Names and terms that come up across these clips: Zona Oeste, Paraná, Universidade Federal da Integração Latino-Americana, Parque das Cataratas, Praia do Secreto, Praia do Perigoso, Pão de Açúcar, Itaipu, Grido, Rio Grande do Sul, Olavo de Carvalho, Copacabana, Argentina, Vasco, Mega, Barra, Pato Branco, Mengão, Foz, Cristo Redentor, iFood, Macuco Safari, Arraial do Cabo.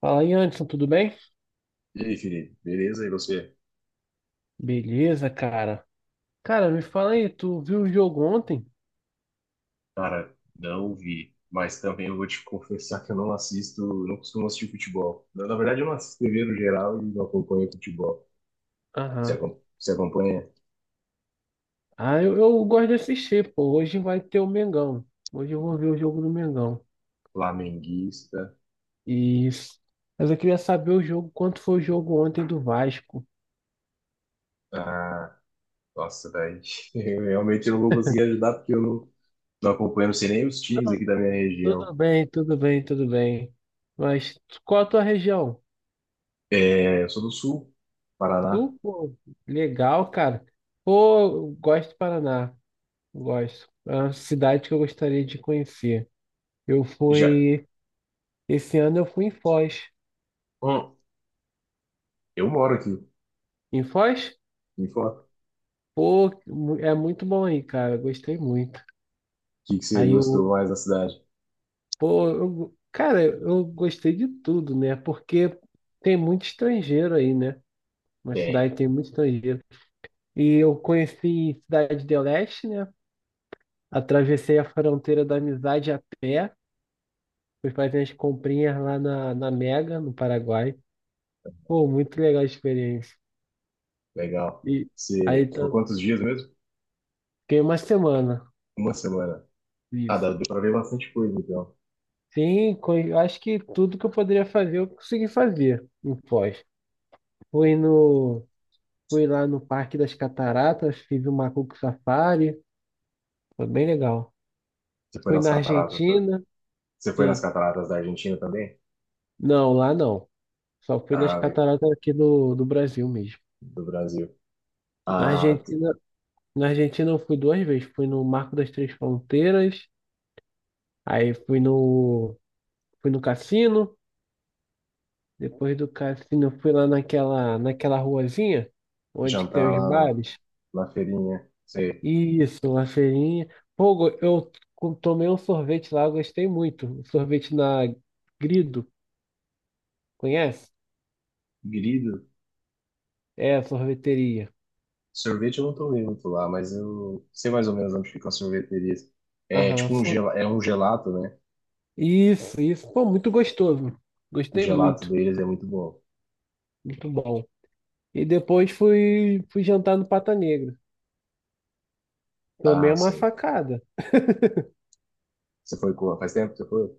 Fala aí, Anderson, tudo bem? E aí, Felipe, beleza? E você? Beleza, cara. Cara, me fala aí, tu viu o jogo ontem? Cara, não vi. Mas também eu vou te confessar que eu não assisto, não costumo assistir futebol. Na verdade, eu não assisto TV no geral e não acompanho futebol. Você, Aham. Você acompanha Ah, eu gosto de assistir, pô. Hoje vai ter o Mengão. Hoje eu vou ver o jogo do Mengão. flamenguista? Isso. Mas eu queria saber o jogo, quanto foi o jogo ontem do Vasco? Ah, nossa, daí eu realmente não vou conseguir ajudar porque eu não, não acompanho, não sei nem os times aqui Não, da minha tudo região. bem, tudo bem, tudo bem. Mas qual a tua região? É, eu sou do Sul, Paraná. Tu, pô, legal, cara. Pô, eu gosto do Paraná. Gosto. É uma cidade que eu gostaria de conhecer. Eu Já, fui Esse ano eu fui em Foz. hum, eu moro aqui. Em Foz? Me fala, o Pô, é muito bom aí, cara. Gostei muito. que você Aí gostou eu, mais da cidade? pô, cara, eu gostei de tudo, né? Porque tem muito estrangeiro aí, né? Uma Tem, cidade tem muito estrangeiro. E eu conheci Cidade do Leste, né? Atravessei a fronteira da amizade a pé. Fui fazer as comprinhas lá na Mega, no Paraguai. Pô, muito legal a experiência. legal. E aí Você ficou tá- quantos dias mesmo? Fiquei uma semana. Uma semana. Ah, dá Isso. deu pra ver bastante coisa, então. Sim, eu acho que tudo que eu poderia fazer, eu consegui fazer em Foz. Fui no, fui lá no Parque das Cataratas, fiz o Macuco Safari, foi bem legal. Você foi Fui nas na cataratas, foi? Argentina, Você foi nas sim. cataratas da Argentina também? Não, lá não. Só fui nas Ah, cataratas aqui do Brasil mesmo. do Brasil. Na Ah, t- Argentina, na Argentina eu fui duas vezes. Fui no Marco das Três Fronteiras, aí fui no cassino. Depois do cassino, eu fui lá naquela ruazinha onde que Jantar tem os lá bares. na feirinha. Sei. Isso, uma feirinha. Pô, tomei um sorvete lá, eu gostei muito. Um sorvete na Grido, conhece? Grido. É, sorveteria. Sorvete eu não tomei muito lá, mas eu sei mais ou menos onde ficam as sorveterias. É Aham. tipo um, é um gelato, né? Isso, isso. Pô, muito gostoso. O Gostei gelato muito. deles é muito bom. Muito bom. E fui jantar no Pata Negra. Tomei Ah, uma sim. facada. Você foi com... Faz tempo que você foi?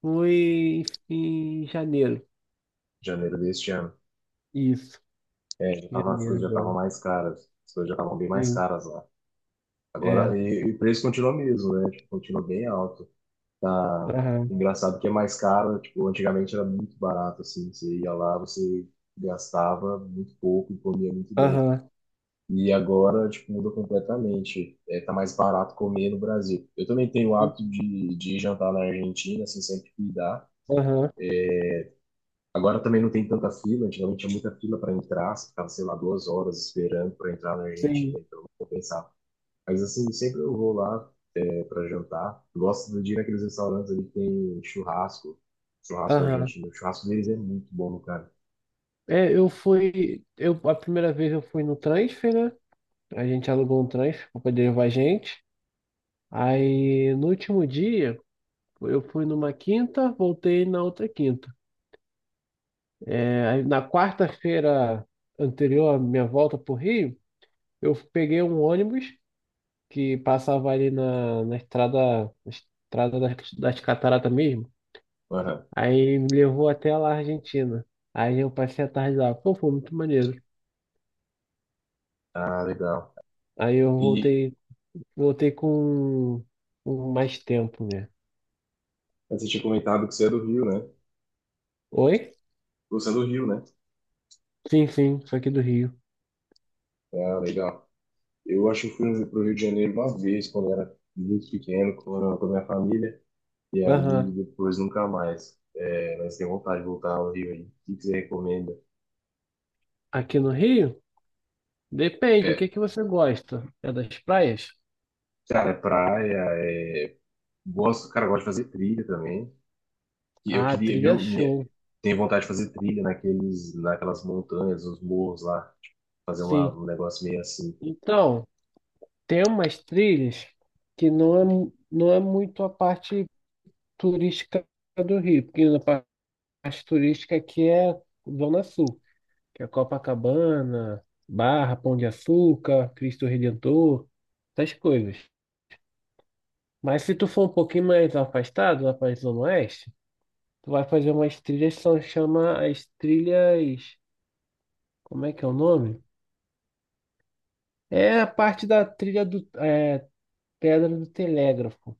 Fui em janeiro. Janeiro deste ano. Isso, É, já tava, as janeiro coisas já estavam agora. mais caras. As coisas já estavam bem mais Sim, caras lá. Agora, é. e o preço continua mesmo, né? Tipo, continua bem alto. Tá Aham, engraçado que é mais caro, né? Tipo, antigamente era muito barato, assim, você ia lá, você gastava muito pouco e comia muito bem. aham, E agora, tipo, muda completamente. É, tá mais barato comer no Brasil. Eu também tenho o sim, hábito de ir jantar na Argentina, assim, sempre que dá. aham, Agora também não tem tanta fila, antigamente tinha muita fila para entrar, você ficava, sei lá, duas horas esperando para entrar na sim, Argentina, então não compensava. Mas assim, sempre eu vou lá, para jantar. Gosto do dia naqueles restaurantes ali que tem churrasco, churrasco aham. argentino. O churrasco deles é muito bom, cara. É, eu fui. Eu, a primeira vez eu fui no transfer, né? A gente alugou um transfer para poder levar a gente. Aí no último dia, eu fui numa quinta, voltei na outra quinta. É, aí, na quarta-feira anterior à minha volta para o Rio, eu peguei um ônibus que passava ali na estrada, na estrada das cataratas mesmo. Aham. Aí me levou até lá, Argentina. Aí eu passei a tarde lá. Pô, foi muito maneiro. Ah, legal. Aí eu E voltei Voltei com mais tempo, né? você tinha comentado que você é do Rio, né? Oi? Você é do Rio, né? Sim, sim, sou aqui do Rio. Ah, legal. Eu acho que fui pro Rio de Janeiro uma vez, quando era muito pequeno, quando eu era com a minha família. E aí, Aham. depois nunca mais. É, mas tem vontade de voltar ao Rio aí. O que que você recomenda? Aqui no Rio? Depende, o que É, que você gosta? É das praias? cara, é praia, é... Gosto, cara, eu gosto de fazer trilha também. E eu Ah, queria, trilha show. tenho vontade de fazer trilha naquelas montanhas, os morros lá, tipo, fazer Sim. um negócio meio assim. Então, tem umas trilhas que não é, não é muito a parte turística do Rio, porque a parte turística aqui é Zona Sul, que é Copacabana, Barra, Pão de Açúcar, Cristo Redentor, essas coisas. Mas se tu for um pouquinho mais afastado, lá para a Zona Oeste, tu vai fazer umas trilhas que são chama as trilhas. Como é que é o nome? É a parte da trilha do é, Pedra do Telégrafo.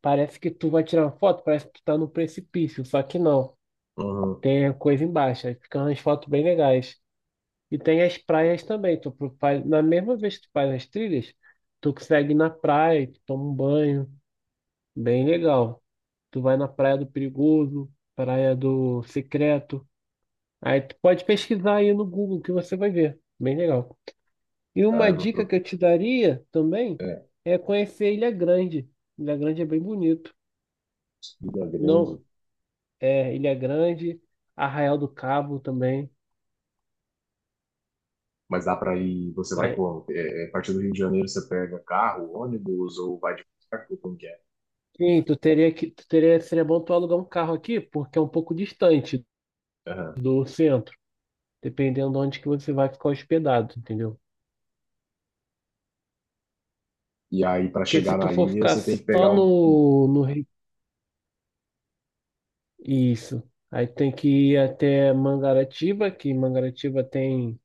Parece que tu vai tirar uma foto, parece que tu tá no precipício, só que não. Uhum. Tem a coisa embaixo, aí ficam umas fotos bem legais. E tem as praias também. Faz, na mesma vez que tu faz as trilhas, tu consegue ir na praia, tu toma um banho, bem legal. Tu vai na Praia do Perigoso, Praia do Secreto. Aí tu pode pesquisar aí no Google que você vai ver. Bem legal. E Ah, uma eu vou dica que pro- eu te daria também É, é conhecer Ilha Grande. Ilha Grande é bem bonito. trilha Não, grande, é Ilha Grande, Arraial do Cabo também. mas dá pra ir, você vai É, como? É, é, a partir do Rio de Janeiro você pega carro, ônibus ou vai de barco, como que é? sim, tu teria, seria bom tu alugar um carro aqui, porque é um pouco distante Aham. do centro, dependendo de onde que você vai ficar hospedado, entendeu? E aí pra Porque se chegar tu na for ilha ficar você tem que só pegar um, no isso. Aí tem que ir até Mangaratiba, que Mangaratiba tem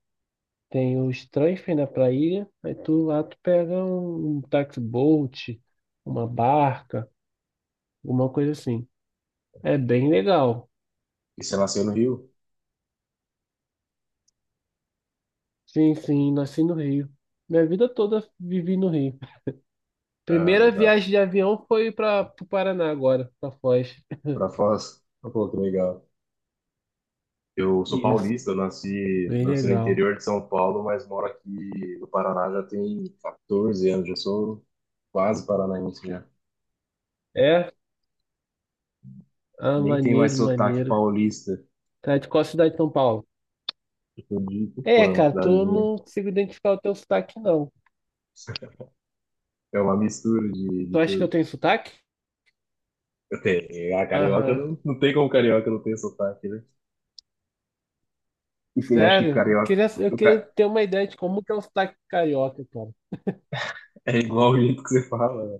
tem os transfer, né, pra ilha. Aí tu lá tu pega um, um táxi boat, uma barca, alguma coisa assim. É bem legal. e você nasceu no Rio? Sim, sim, nasci no Rio. Minha vida toda vivi no Rio. Ah, Primeira legal. viagem de avião foi para o Paraná agora, para Foz. Pra Foz? Pô, que legal. Eu sou Isso, paulista, eu nasci, bem nasci no legal. interior de São Paulo, mas moro aqui no Paraná já tem 14 anos, já sou quase paranaense já. É? Ah, Nem tem mais maneiro, sotaque maneiro. paulista, Tá de qual cidade de São Paulo? eu digo, pô, É, é uma cara, tu cidadezinha. não consigo identificar o teu sotaque, não. É uma mistura de Tu acha que eu tudo. tenho sotaque? Eu tenho, a carioca Aham. Não tem como carioca não ter sotaque, né? E quem acha que Sério? Carioca Eu o queria ca- ter uma ideia de como que é o sotaque carioca, cara. é igual o jeito que você fala, né?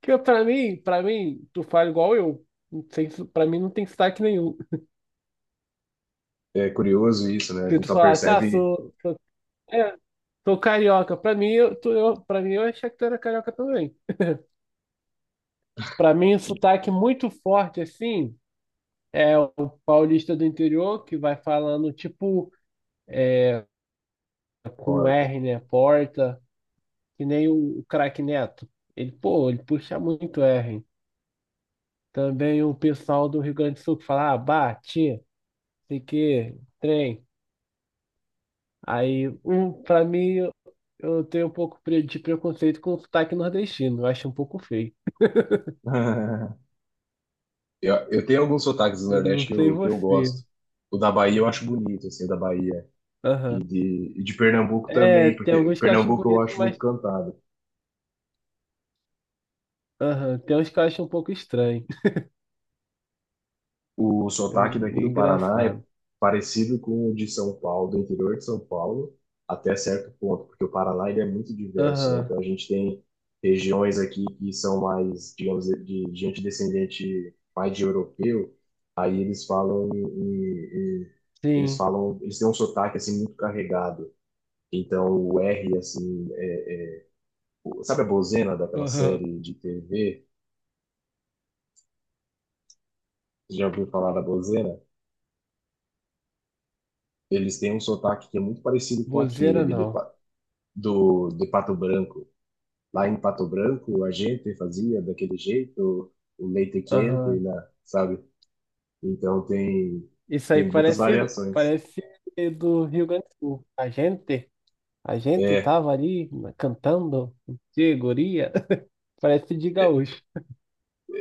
Pra mim, tu fala igual eu. Não tem, pra mim não tem sotaque nenhum. É curioso isso, né? A Se gente tu só falasse, ah, percebe sou, sou, é, sou carioca, pra mim eu achei que tu era carioca também. Pra mim, o sotaque muito forte, assim, é o paulista do interior que vai falando, tipo, com porta. R, né? Porta. Que nem o craque Neto. Ele, pô, ele puxa muito R. Também o pessoal do Rio Grande do Sul que fala, ah, bate, sei que, trem. Aí, um, pra mim, eu tenho um pouco de preconceito com o sotaque nordestino. Eu acho um pouco feio. Eu tenho alguns sotaques do Eu não Nordeste sei que eu você. gosto. O da Bahia eu acho bonito, assim, o da Bahia. E Aham. de, e de Pernambuco É, também, tem porque alguns que eu acho Pernambuco eu bonito, acho mas muito cantado. aham, tem uns que eu acho um pouco estranho. O sotaque daqui do Paraná é Engraçado. parecido com o de São Paulo, do interior de São Paulo, até certo ponto, porque o Paraná ele é muito diverso, né? Aham, Então a gente tem regiões aqui que são mais, digamos, de gente descendente mais de europeu, aí eles falam eles sim. falam, eles têm um sotaque assim muito carregado. Então, o R, assim, é sabe a Bozena daquela Aham. série de TV? Você já ouviu falar da Bozena? Eles têm um sotaque que é muito parecido com aquele Bozeira ali de, não. De Pato Branco. Lá em Pato Branco, a gente fazia daquele jeito, o leite quente, Aham. né? Sabe? Então, tem, Isso aí tem muitas parece, variações. parece do Rio Grande do Sul. A gente É, tava ali cantando de guria. Parece de é, gaúcho.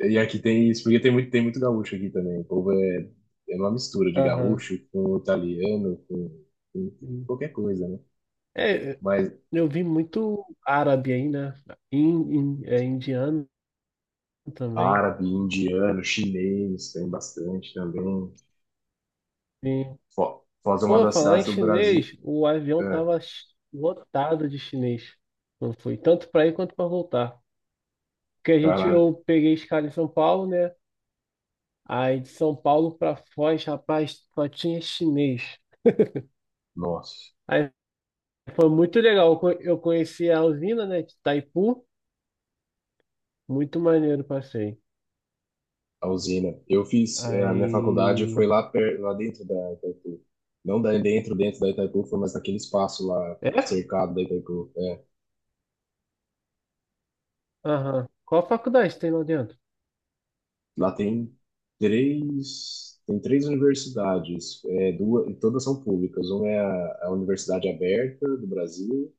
e aqui tem isso, porque tem muito gaúcho aqui também. O povo é, é uma mistura de Aham. gaúcho com italiano, com qualquer coisa, né? É, Mas eu vi muito árabe aí, né? É, indiano também. árabe, indiano, chinês, tem bastante também. Sim. Foz é uma Pô, das falar cidades em do Brasil. chinês, o avião É, tava lotado de chinês. Não foi tanto para ir quanto para voltar. Porque a gente, caraca, eu peguei escala em São Paulo, né? Aí de São Paulo para Foz, rapaz, só tinha chinês. nossa, Aí foi muito legal. Eu conheci a usina, né, de Itaipu. Muito maneiro, passei. a usina. Eu fiz, é, a minha faculdade Aí. foi lá, per, lá dentro da Itaipu. Não da, dentro, dentro da Itaipu, foi mas naquele espaço lá, É? cercado da Itaipu. É, Aham. Qual faculdade tem lá dentro? lá tem tem três universidades, é, duas, e todas são públicas. Uma é a Universidade Aberta do Brasil,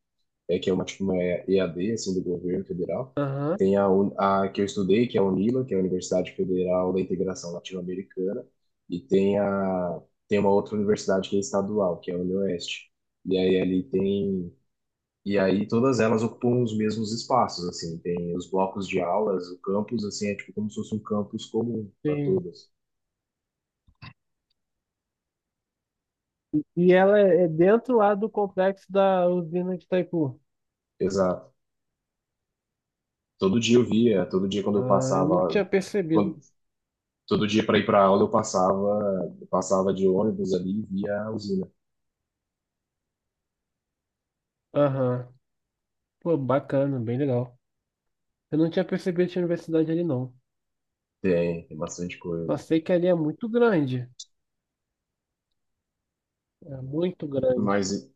é, que é uma, tipo, uma EAD, assim, do governo federal. Aham, Tem a, a que eu estudei, que é a UNILA, que é a Universidade Federal da Integração Latino-Americana, e tem a, tem uma outra universidade que é estadual, que é a UniOeste. E aí ali tem, e aí todas elas ocupam os mesmos espaços, assim, tem os blocos de aulas, o campus, assim, é tipo como se fosse um campus comum para sim. todas. E ela é é dentro lá do complexo da usina de Itaipu. Exato. Todo dia eu via, todo dia quando eu Ah, eu não tinha passava, percebido. quando, todo dia para ir para aula eu passava de ônibus ali e via a usina. Aham. Pô, bacana, bem legal. Eu não tinha percebido que tinha universidade ali, não. Tem, tem bastante Só coisa. sei que ali é muito grande. É muito grande. Mas,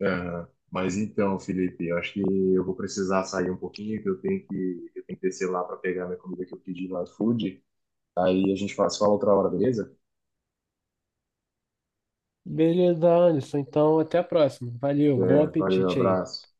aham, mas então, Felipe, eu acho que eu vou precisar sair um pouquinho, que eu tenho que, eu tenho que descer lá para pegar minha comida que eu pedi lá no iFood. Aí a gente se fala outra hora, beleza? Beleza, Alisson. Então, até a próxima. Valeu, bom É, valeu, apetite aí. abraço.